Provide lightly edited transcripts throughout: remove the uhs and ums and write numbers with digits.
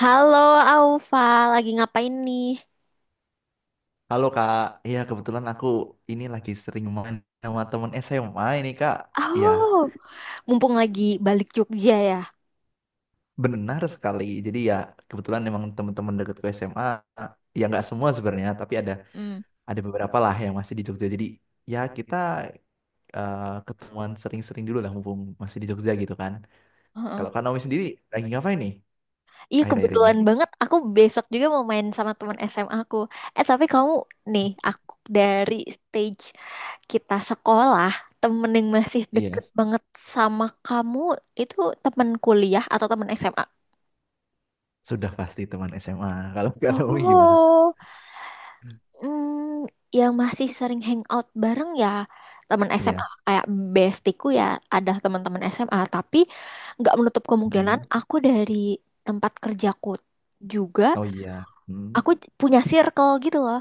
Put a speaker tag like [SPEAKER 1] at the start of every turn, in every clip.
[SPEAKER 1] Halo Aufa, lagi ngapain nih?
[SPEAKER 2] Halo Kak, iya kebetulan aku ini lagi sering main sama temen SMA ini Kak. Iya,
[SPEAKER 1] Oh, mumpung lagi balik Jogja ya.
[SPEAKER 2] benar sekali. Jadi ya kebetulan memang teman-teman dekatku SMA, ya nggak semua sebenarnya, tapi ada
[SPEAKER 1] Hmm.
[SPEAKER 2] ada beberapa lah yang masih di Jogja. Jadi ya kita eh, ketemuan sering-sering dulu lah mumpung masih di Jogja gitu kan.
[SPEAKER 1] Heeh.
[SPEAKER 2] Kalau Kak Naomi sendiri lagi ngapain nih
[SPEAKER 1] Iya,
[SPEAKER 2] akhir-akhir ini?
[SPEAKER 1] kebetulan banget, aku besok juga mau main sama teman SMA aku. Eh tapi kamu nih, aku dari stage kita sekolah, temen yang masih
[SPEAKER 2] Iya,
[SPEAKER 1] deket banget sama kamu itu temen kuliah atau temen SMA?
[SPEAKER 2] sudah pasti teman SMA. Kalau Kak Naomi gimana?
[SPEAKER 1] Oh. Hmm, yang masih sering hangout bareng ya teman SMA,
[SPEAKER 2] Yes.
[SPEAKER 1] kayak bestiku ya, ada teman-teman SMA tapi nggak menutup kemungkinan
[SPEAKER 2] Mm.
[SPEAKER 1] aku dari tempat kerjaku juga
[SPEAKER 2] Oh iya. Mm.
[SPEAKER 1] aku punya circle gitu loh.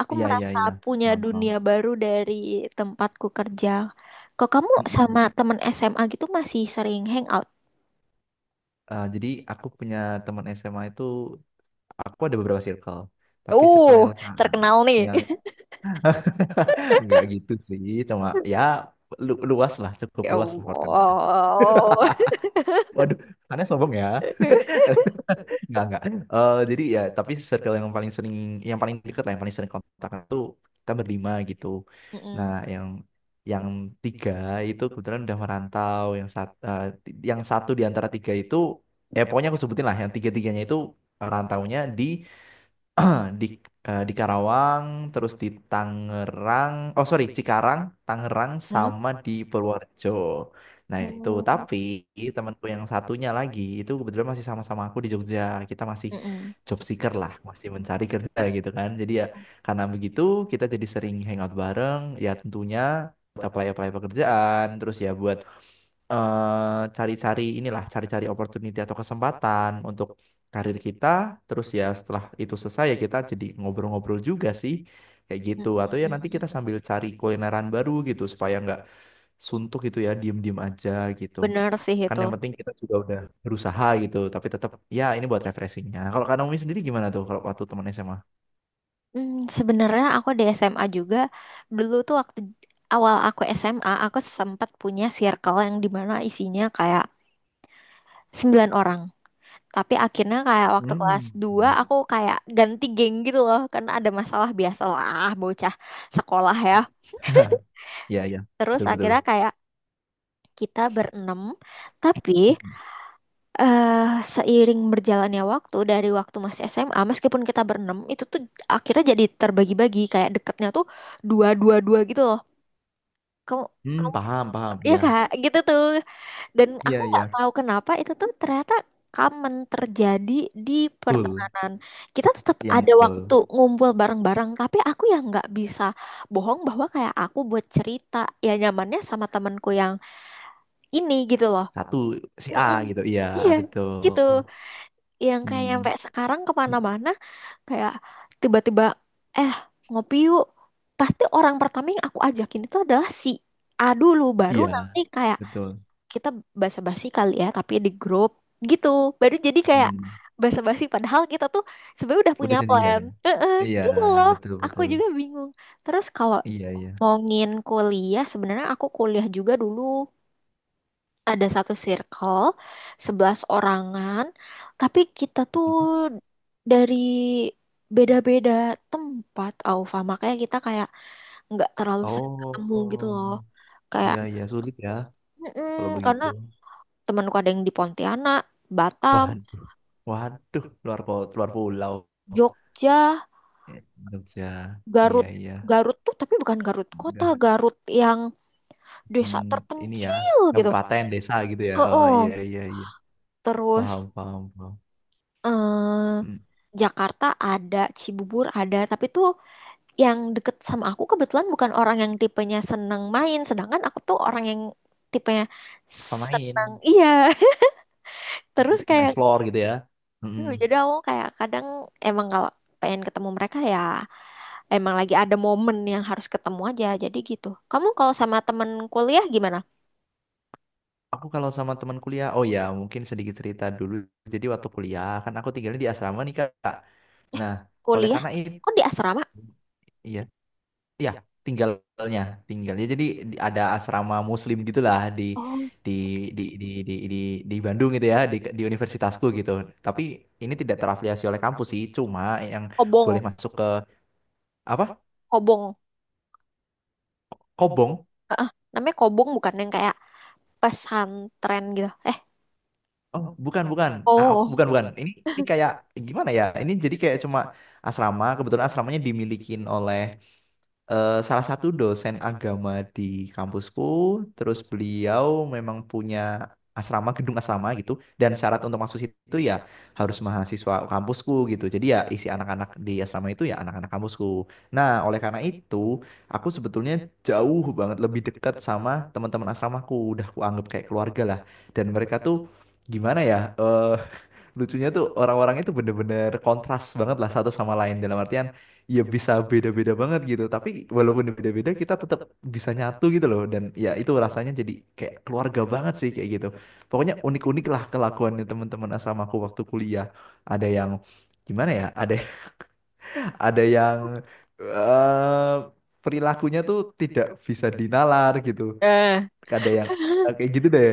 [SPEAKER 1] Aku
[SPEAKER 2] Iya, iya,
[SPEAKER 1] merasa
[SPEAKER 2] iya.
[SPEAKER 1] punya
[SPEAKER 2] Paham, paham.
[SPEAKER 1] dunia baru dari tempatku kerja. Kok kamu
[SPEAKER 2] Mm-mm.
[SPEAKER 1] sama teman SMA gitu masih sering hangout?
[SPEAKER 2] Jadi aku punya teman SMA itu, aku ada beberapa circle, tapi
[SPEAKER 1] uh
[SPEAKER 2] circle yang sama.
[SPEAKER 1] Terkenal nih.
[SPEAKER 2] Ya, nggak gitu sih, cuma ya luas lah, cukup
[SPEAKER 1] Ya
[SPEAKER 2] luas lah Hortem.
[SPEAKER 1] Allah.
[SPEAKER 2] Waduh, aneh sombong ya. Nggak, nggak. Eh, jadi ya, tapi circle yang paling sering, yang paling dekat lah, yang paling sering kontak tuh kita berlima gitu. Nah,
[SPEAKER 1] Mm-mm.
[SPEAKER 2] yang tiga itu kebetulan udah merantau, yang satu di antara tiga itu, eh pokoknya aku sebutin lah, yang tiga-tiganya itu rantaunya di di di Karawang, terus di Tangerang, oh sorry Cikarang, Tangerang
[SPEAKER 1] Hmm?
[SPEAKER 2] sama di Purworejo. Nah itu,
[SPEAKER 1] Oh.
[SPEAKER 2] tapi temanku yang satunya lagi itu kebetulan masih sama-sama aku di Jogja. Kita masih
[SPEAKER 1] Mm-mm.
[SPEAKER 2] job seeker lah, masih mencari kerja gitu kan. Jadi ya karena begitu kita jadi sering hangout bareng. Ya tentunya buat apply-apply pekerjaan, terus ya buat cari-cari inilah, cari-cari opportunity atau kesempatan untuk karir kita. Terus ya setelah itu selesai ya kita jadi ngobrol-ngobrol juga sih kayak gitu. Atau ya nanti
[SPEAKER 1] Hmm,
[SPEAKER 2] kita sambil cari kulineran baru gitu supaya nggak suntuk gitu ya, diem-diem aja gitu.
[SPEAKER 1] Bener sih
[SPEAKER 2] Kan
[SPEAKER 1] itu.
[SPEAKER 2] yang penting kita juga udah berusaha gitu, tapi tetap ya ini buat refreshingnya. Kalau Kak Naomi sendiri gimana tuh kalau waktu teman SMA?
[SPEAKER 1] Hmm, Sebenarnya aku di SMA juga, dulu tuh waktu awal aku SMA aku sempat punya circle yang dimana isinya kayak 9 orang. Tapi akhirnya kayak waktu kelas
[SPEAKER 2] Hmm,
[SPEAKER 1] dua,
[SPEAKER 2] ya.
[SPEAKER 1] aku kayak ganti geng gitu loh karena ada masalah, biasalah bocah sekolah ya.
[SPEAKER 2] Ya, iya.
[SPEAKER 1] Terus
[SPEAKER 2] Betul, betul.
[SPEAKER 1] akhirnya kayak kita berenam, tapi eh seiring berjalannya waktu dari waktu masih SMA, meskipun kita berenam itu tuh akhirnya jadi terbagi-bagi, kayak deketnya tuh dua dua dua gitu loh, kamu
[SPEAKER 2] Hmm,
[SPEAKER 1] kamu
[SPEAKER 2] paham, paham.
[SPEAKER 1] ya
[SPEAKER 2] Iya,
[SPEAKER 1] kak gitu tuh, dan
[SPEAKER 2] iya,
[SPEAKER 1] aku nggak
[SPEAKER 2] iya,
[SPEAKER 1] tahu kenapa itu tuh ternyata common terjadi di
[SPEAKER 2] betul.
[SPEAKER 1] pertemanan. Kita tetap
[SPEAKER 2] Yang
[SPEAKER 1] ada
[SPEAKER 2] betul.
[SPEAKER 1] waktu ngumpul bareng-bareng tapi aku yang nggak bisa bohong bahwa kayak aku buat cerita ya nyamannya sama temanku yang ini gitu loh.
[SPEAKER 2] Satu si A
[SPEAKER 1] Mm-mm.
[SPEAKER 2] gitu. Iya,
[SPEAKER 1] Iya,
[SPEAKER 2] betul.
[SPEAKER 1] gitu, yang kayak nyampe
[SPEAKER 2] Hmm.
[SPEAKER 1] sekarang kemana-mana kayak tiba-tiba, eh, ngopi yuk, pasti orang pertama yang aku ajakin itu adalah si A dulu, baru nanti
[SPEAKER 2] Iya,
[SPEAKER 1] kayak
[SPEAKER 2] betul.
[SPEAKER 1] kita basa-basi kali ya tapi di grup gitu, baru jadi kayak
[SPEAKER 2] Hmm.
[SPEAKER 1] basa-basi padahal kita tuh sebenarnya udah
[SPEAKER 2] Udah
[SPEAKER 1] punya plan.
[SPEAKER 2] janjian.
[SPEAKER 1] Heeh,
[SPEAKER 2] Iya,
[SPEAKER 1] gitu loh.
[SPEAKER 2] betul
[SPEAKER 1] Aku
[SPEAKER 2] betul.
[SPEAKER 1] juga bingung. Terus kalau
[SPEAKER 2] Iya, iya.
[SPEAKER 1] ngomongin kuliah, sebenarnya aku kuliah juga dulu ada satu circle, 11 orangan, tapi kita tuh dari beda-beda tempat, Aufa, makanya kita kayak nggak terlalu sering ketemu gitu
[SPEAKER 2] Oh,
[SPEAKER 1] loh. Kayak,
[SPEAKER 2] iya
[SPEAKER 1] iya.
[SPEAKER 2] iya sulit ya kalau
[SPEAKER 1] "Mm-mm," karena
[SPEAKER 2] begitu.
[SPEAKER 1] temanku ada yang di Pontianak, Batam,
[SPEAKER 2] Waduh. Waduh, luar pulau.
[SPEAKER 1] Jogja,
[SPEAKER 2] Eh, Jogja.
[SPEAKER 1] Garut.
[SPEAKER 2] Iya,
[SPEAKER 1] Iya.
[SPEAKER 2] iya.
[SPEAKER 1] Garut tuh tapi bukan Garut kota,
[SPEAKER 2] Udah.
[SPEAKER 1] Garut yang desa
[SPEAKER 2] Hmm, ini ya,
[SPEAKER 1] terpencil gitu.
[SPEAKER 2] kabupaten, desa gitu ya. Oh, iya,
[SPEAKER 1] Oh,
[SPEAKER 2] iya, iya.
[SPEAKER 1] terus
[SPEAKER 2] Paham, paham, paham.
[SPEAKER 1] eh
[SPEAKER 2] Hmm,
[SPEAKER 1] Jakarta ada, Cibubur ada, tapi tuh yang deket sama aku kebetulan bukan orang yang tipenya seneng main, sedangkan aku tuh orang yang tipenya
[SPEAKER 2] suka main.
[SPEAKER 1] seneng, iya. Terus
[SPEAKER 2] Hmm,
[SPEAKER 1] kayak
[SPEAKER 2] explore gitu ya.
[SPEAKER 1] gitu.
[SPEAKER 2] Mm-mm.
[SPEAKER 1] Jadi aku kayak kadang emang kalau pengen ketemu mereka ya emang lagi ada momen yang harus ketemu aja. Jadi gitu. Kamu kalau sama temen kuliah gimana?
[SPEAKER 2] Aku kalau sama teman kuliah, oh ya mungkin sedikit cerita dulu. Jadi waktu kuliah kan aku tinggalnya di asrama nih Kak.
[SPEAKER 1] Eh,
[SPEAKER 2] Nah, oleh
[SPEAKER 1] kuliah?
[SPEAKER 2] karena itu,
[SPEAKER 1] Kok di asrama?
[SPEAKER 2] iya, iya tinggalnya, tinggalnya. Jadi ada asrama Muslim gitulah
[SPEAKER 1] Oh,
[SPEAKER 2] di di di di di, di Bandung gitu ya, di universitasku gitu. Tapi ini tidak terafiliasi oleh kampus sih, cuma yang boleh
[SPEAKER 1] kobong,
[SPEAKER 2] masuk ke apa?
[SPEAKER 1] kobong.
[SPEAKER 2] Kobong.
[SPEAKER 1] Heeh, namanya kobong bukan yang kayak pesantren gitu.
[SPEAKER 2] Oh, bukan, bukan. Ah, oh,
[SPEAKER 1] Oh,
[SPEAKER 2] bukan, bukan. Ini kayak gimana ya? Ini jadi kayak cuma asrama, kebetulan asramanya dimilikin oleh salah satu dosen agama di kampusku, terus beliau memang punya asrama, gedung asrama gitu, dan syarat untuk masuk situ ya harus mahasiswa kampusku gitu. Jadi ya isi anak-anak di asrama itu ya anak-anak kampusku. Nah, oleh karena itu, aku sebetulnya jauh banget lebih dekat sama teman-teman asramaku, udah aku anggap kayak keluarga lah. Dan mereka tuh gimana ya? Eh, lucunya tuh orang-orang itu bener-bener kontras banget lah satu sama lain, dalam artian ya bisa beda-beda banget gitu, tapi walaupun beda-beda kita tetap bisa nyatu gitu loh, dan ya itu rasanya jadi kayak keluarga banget sih kayak gitu. Pokoknya unik-unik lah kelakuannya teman-teman asramaku waktu kuliah. Ada yang gimana ya, ada ada yang eh perilakunya tuh tidak bisa dinalar gitu,
[SPEAKER 1] eh,
[SPEAKER 2] ada yang kayak gitu deh.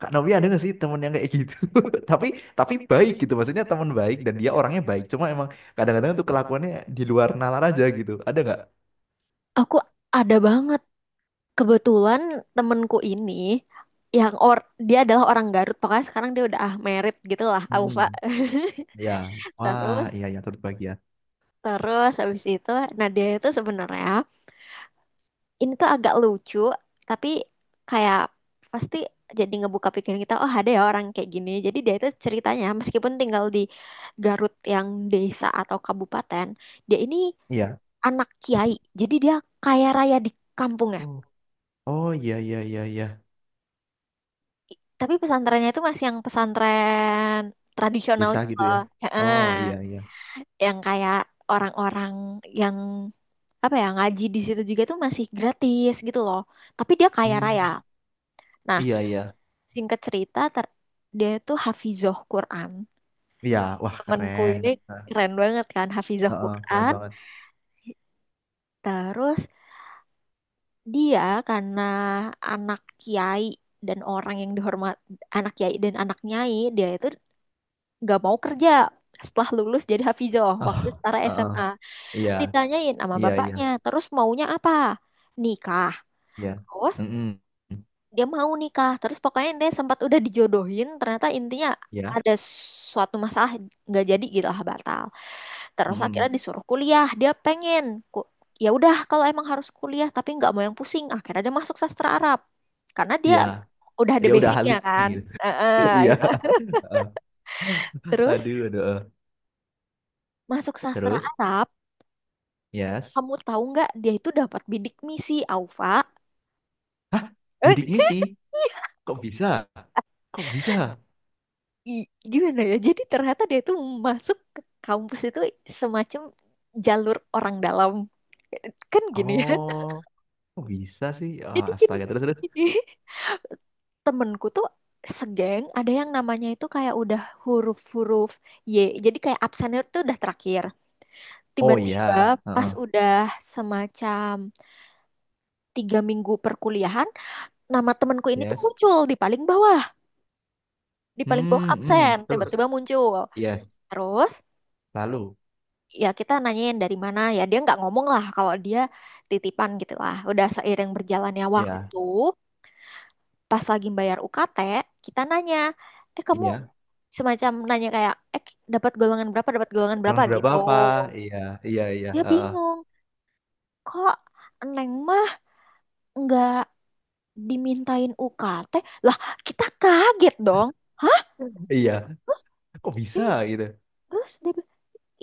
[SPEAKER 2] Kak Novi ada nggak sih temen yang kayak gitu? tapi tapi baik gitu, maksudnya temen baik dan dia orangnya baik, cuma emang kadang-kadang tuh kelakuannya di luar nalar aja gitu. Ada nggak?
[SPEAKER 1] aku ada banget. Kebetulan temenku ini yang or dia adalah orang Garut, pokoknya sekarang dia udah merit gitu lah, aku pak.
[SPEAKER 2] Hmm, ya. Wah,
[SPEAKER 1] Terus
[SPEAKER 2] iya iya turut bahagia.
[SPEAKER 1] terus habis itu, nah dia itu sebenarnya, ini tuh agak lucu, tapi kayak pasti jadi ngebuka pikiran kita, oh, ada ya orang kayak gini. Jadi dia itu ceritanya meskipun tinggal di Garut yang desa atau kabupaten, dia ini
[SPEAKER 2] Iya.
[SPEAKER 1] anak kiai. Jadi dia kaya raya di kampung.
[SPEAKER 2] Oh, oh iya iya iya iya.
[SPEAKER 1] Tapi pesantrennya itu masih yang pesantren tradisional
[SPEAKER 2] Desa
[SPEAKER 1] gitu
[SPEAKER 2] gitu
[SPEAKER 1] loh.
[SPEAKER 2] ya.
[SPEAKER 1] Heeh.
[SPEAKER 2] Oh iya iya.
[SPEAKER 1] Yang kayak orang-orang yang apa ya ngaji di situ juga tuh masih gratis gitu loh. Tapi dia kaya raya.
[SPEAKER 2] Hmm,
[SPEAKER 1] Nah,
[SPEAKER 2] iya iya.
[SPEAKER 1] singkat cerita, dia tuh hafizoh Quran.
[SPEAKER 2] Iya wah
[SPEAKER 1] Temenku
[SPEAKER 2] keren.
[SPEAKER 1] ini
[SPEAKER 2] Nah,
[SPEAKER 1] keren banget kan hafizoh
[SPEAKER 2] heeh, keren
[SPEAKER 1] Quran.
[SPEAKER 2] banget.
[SPEAKER 1] Terus dia karena anak kiai dan orang yang dihormat, anak kiai dan anak nyai, dia itu nggak mau kerja. Setelah lulus jadi Hafizoh waktu
[SPEAKER 2] Ah,
[SPEAKER 1] setara
[SPEAKER 2] heeh.
[SPEAKER 1] SMA,
[SPEAKER 2] Iya
[SPEAKER 1] ditanyain sama
[SPEAKER 2] iya iya
[SPEAKER 1] bapaknya terus maunya apa. Nikah.
[SPEAKER 2] iya.
[SPEAKER 1] Terus
[SPEAKER 2] Mm-mm.
[SPEAKER 1] dia mau nikah, terus pokoknya dia sempat udah dijodohin, ternyata intinya
[SPEAKER 2] Ya,
[SPEAKER 1] ada suatu masalah, nggak jadi gitu lah, batal. Terus akhirnya
[SPEAKER 2] mm-mm.
[SPEAKER 1] disuruh kuliah, dia pengen ku- ya udah kalau emang harus kuliah tapi nggak mau yang pusing, akhirnya dia masuk sastra Arab karena dia
[SPEAKER 2] Iya.
[SPEAKER 1] udah ada
[SPEAKER 2] Dia udah ahli
[SPEAKER 1] basicnya kan.
[SPEAKER 2] gitu.
[SPEAKER 1] Heeh,
[SPEAKER 2] Iya.
[SPEAKER 1] itu terus
[SPEAKER 2] Aduh, aduh, eh.
[SPEAKER 1] masuk sastra
[SPEAKER 2] Terus,
[SPEAKER 1] Arab.
[SPEAKER 2] yes.
[SPEAKER 1] Kamu tahu nggak dia itu dapat bidik misi, Alfa?
[SPEAKER 2] Hah,
[SPEAKER 1] Eh,
[SPEAKER 2] bidik misi. Kok bisa? Kok bisa?
[SPEAKER 1] gimana ya? Jadi ternyata dia itu masuk ke kampus itu semacam jalur orang dalam. Kan gini ya.
[SPEAKER 2] Oh, kok bisa sih? Ah,
[SPEAKER 1] Jadi kan
[SPEAKER 2] astaga, terus terus.
[SPEAKER 1] gini. Temenku tuh segeng ada yang namanya itu kayak udah huruf-huruf Y. Jadi kayak absennya tuh udah terakhir.
[SPEAKER 2] Oh
[SPEAKER 1] Tiba-tiba
[SPEAKER 2] iya.
[SPEAKER 1] pas
[SPEAKER 2] Heeh.
[SPEAKER 1] udah semacam 3 minggu perkuliahan, nama temenku ini tuh
[SPEAKER 2] Yes.
[SPEAKER 1] muncul di paling bawah. Di paling bawah
[SPEAKER 2] Hmm, hmm.
[SPEAKER 1] absen,
[SPEAKER 2] Terus.
[SPEAKER 1] tiba-tiba muncul.
[SPEAKER 2] Yes.
[SPEAKER 1] Terus
[SPEAKER 2] Lalu.
[SPEAKER 1] ya kita nanyain dari mana, ya dia nggak ngomong lah kalau dia titipan gitu lah. Udah seiring berjalannya, iya,
[SPEAKER 2] Iya,
[SPEAKER 1] waktu pas lagi bayar UKT, kita nanya, eh kamu,
[SPEAKER 2] iya.
[SPEAKER 1] semacam nanya kayak, dapat golongan berapa, dapat golongan berapa
[SPEAKER 2] Bulan berapa
[SPEAKER 1] gitu.
[SPEAKER 2] apa? Iya, iya, iya.
[SPEAKER 1] Dia
[SPEAKER 2] Heeh.
[SPEAKER 1] bingung, kok Neng mah nggak dimintain UKT, lah kita kaget dong. Hah?
[SPEAKER 2] Iya.
[SPEAKER 1] Terus,
[SPEAKER 2] Kok bisa gitu?
[SPEAKER 1] terus dia,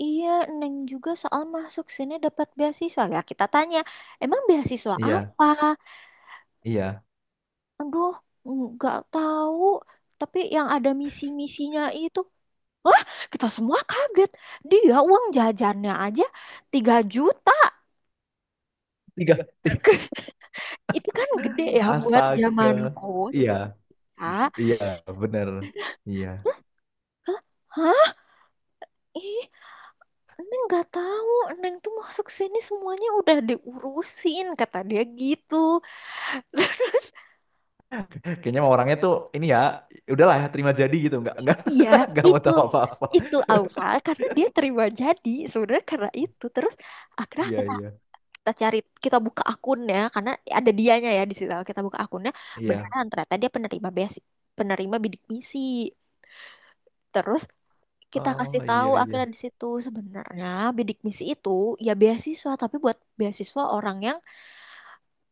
[SPEAKER 1] iya, Neng juga soal masuk sini dapat beasiswa. Ya, kita tanya, emang beasiswa
[SPEAKER 2] Iya,
[SPEAKER 1] apa?
[SPEAKER 2] iya.
[SPEAKER 1] Aduh, nggak tahu. Tapi yang ada misi-misinya itu. Wah, kita semua kaget. Dia uang jajannya aja 3 juta.
[SPEAKER 2] Tiga, tiga.
[SPEAKER 1] Itu kan gede ya buat
[SPEAKER 2] Astaga.
[SPEAKER 1] zamanku. tiga
[SPEAKER 2] Iya,
[SPEAKER 1] juta. Hah?
[SPEAKER 2] iya, bener. Iya.
[SPEAKER 1] Ih, Neng nggak tahu. Neng tuh masuk sini semuanya udah diurusin, kata dia gitu.
[SPEAKER 2] Kayaknya mah orangnya tuh ini ya, udahlah ya terima jadi gitu, nggak
[SPEAKER 1] Iya,
[SPEAKER 2] nggak mau
[SPEAKER 1] itu
[SPEAKER 2] tahu apa-apa.
[SPEAKER 1] itu awal karena dia terima jadi, sebenarnya karena itu terus akhirnya
[SPEAKER 2] Iya
[SPEAKER 1] kita
[SPEAKER 2] iya
[SPEAKER 1] kita cari, kita buka akunnya karena ada dianya ya di situ, kita buka akunnya
[SPEAKER 2] iya.
[SPEAKER 1] beneran, ternyata dia penerima bidik misi. Terus kita
[SPEAKER 2] Oh
[SPEAKER 1] kasih tahu
[SPEAKER 2] iya
[SPEAKER 1] akhirnya
[SPEAKER 2] iya.
[SPEAKER 1] di situ sebenarnya bidik misi itu ya beasiswa tapi buat beasiswa orang yang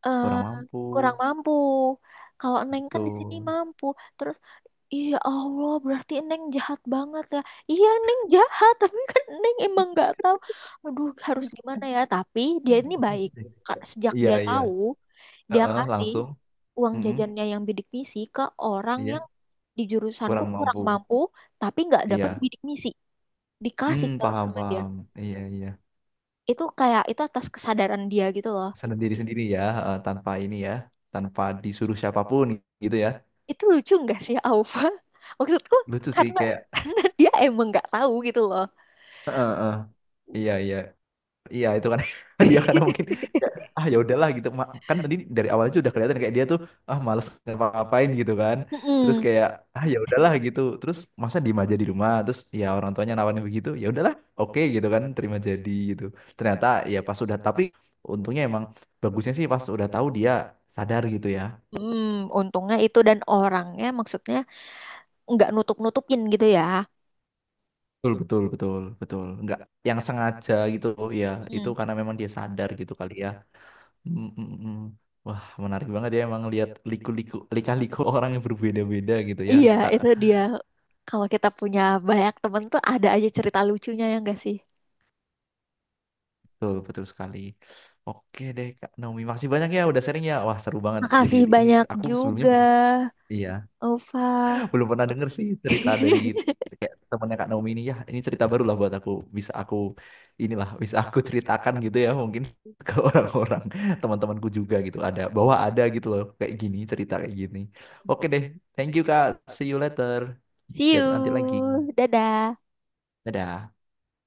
[SPEAKER 1] eh
[SPEAKER 2] Kurang mampu
[SPEAKER 1] kurang mampu. Kalau Neng
[SPEAKER 2] itu.
[SPEAKER 1] kan di sini mampu. Terus, iya Allah, berarti Neng jahat banget ya. Iya, Neng jahat, tapi kan Neng emang nggak tahu. Aduh, harus gimana ya? Tapi dia ini baik. Sejak
[SPEAKER 2] Iya
[SPEAKER 1] dia
[SPEAKER 2] iya.
[SPEAKER 1] tahu, dia
[SPEAKER 2] Heeh,
[SPEAKER 1] kasih
[SPEAKER 2] langsung.
[SPEAKER 1] uang,
[SPEAKER 2] Mm-mm.
[SPEAKER 1] jajannya yang bidik misi ke orang
[SPEAKER 2] Iya.
[SPEAKER 1] yang di jurusanku
[SPEAKER 2] Kurang
[SPEAKER 1] kurang
[SPEAKER 2] mampu.
[SPEAKER 1] mampu, tapi nggak dapet
[SPEAKER 2] Iya.
[SPEAKER 1] bidik misi.
[SPEAKER 2] Hmm
[SPEAKER 1] Dikasih terus
[SPEAKER 2] paham
[SPEAKER 1] sama dia.
[SPEAKER 2] paham. Iya iya.
[SPEAKER 1] Itu kayak itu atas kesadaran dia gitu loh.
[SPEAKER 2] Sendiri sendiri ya, heeh, tanpa ini ya, tanpa disuruh siapapun gitu ya.
[SPEAKER 1] Itu lucu nggak sih, Alfa? Maksudku
[SPEAKER 2] Lucu sih
[SPEAKER 1] karena
[SPEAKER 2] kayak.
[SPEAKER 1] karena dia emang nggak tahu gitu loh.
[SPEAKER 2] Heeh, heeh. Iya iya. Iya itu kan dia karena mungkin ya, ah ya udahlah gitu. Kan tadi dari awal aja udah kelihatan kayak dia tuh ah males ngapa-ngapain gitu kan, terus
[SPEAKER 1] Mm-mm.
[SPEAKER 2] kayak ah ya udahlah gitu, terus masa diem aja di rumah, terus ya orang tuanya nawarin begitu ya udahlah oke gitu kan, terima jadi gitu. Ternyata ya pas udah, tapi untungnya emang bagusnya sih pas udah tahu dia sadar gitu ya.
[SPEAKER 1] Untungnya itu, dan orangnya maksudnya nggak nutup-nutupin gitu ya.
[SPEAKER 2] Betul betul betul betul, nggak yang sengaja gitu ya. Itu
[SPEAKER 1] Mm.
[SPEAKER 2] karena memang dia sadar gitu kali ya. Mm, mm, mm. Wah, menarik banget ya emang lihat liku-liku, lika-liku orang yang berbeda-beda gitu ya,
[SPEAKER 1] Iya,
[SPEAKER 2] Kak.
[SPEAKER 1] itu dia. Kalau kita punya banyak temen tuh ada aja cerita lucunya ya nggak sih?
[SPEAKER 2] Betul, betul sekali. Oke deh, Kak Naomi. Makasih banyak ya udah sharing ya. Wah, seru banget. Jadi
[SPEAKER 1] Makasih
[SPEAKER 2] ini
[SPEAKER 1] banyak
[SPEAKER 2] aku sebelumnya
[SPEAKER 1] juga,
[SPEAKER 2] iya,
[SPEAKER 1] Ova.
[SPEAKER 2] belum pernah denger sih cerita dari kayak temannya Kak Naomi ini ya. Ini cerita baru lah buat aku. Bisa aku bisa aku ceritakan gitu ya mungkin ke orang-orang teman-temanku juga gitu. Ada bahwa ada gitu loh kayak gini cerita kayak gini. Oke deh. Thank you, Kak. See you later.
[SPEAKER 1] See
[SPEAKER 2] Dan nanti lagi.
[SPEAKER 1] you, dadah.
[SPEAKER 2] Dadah.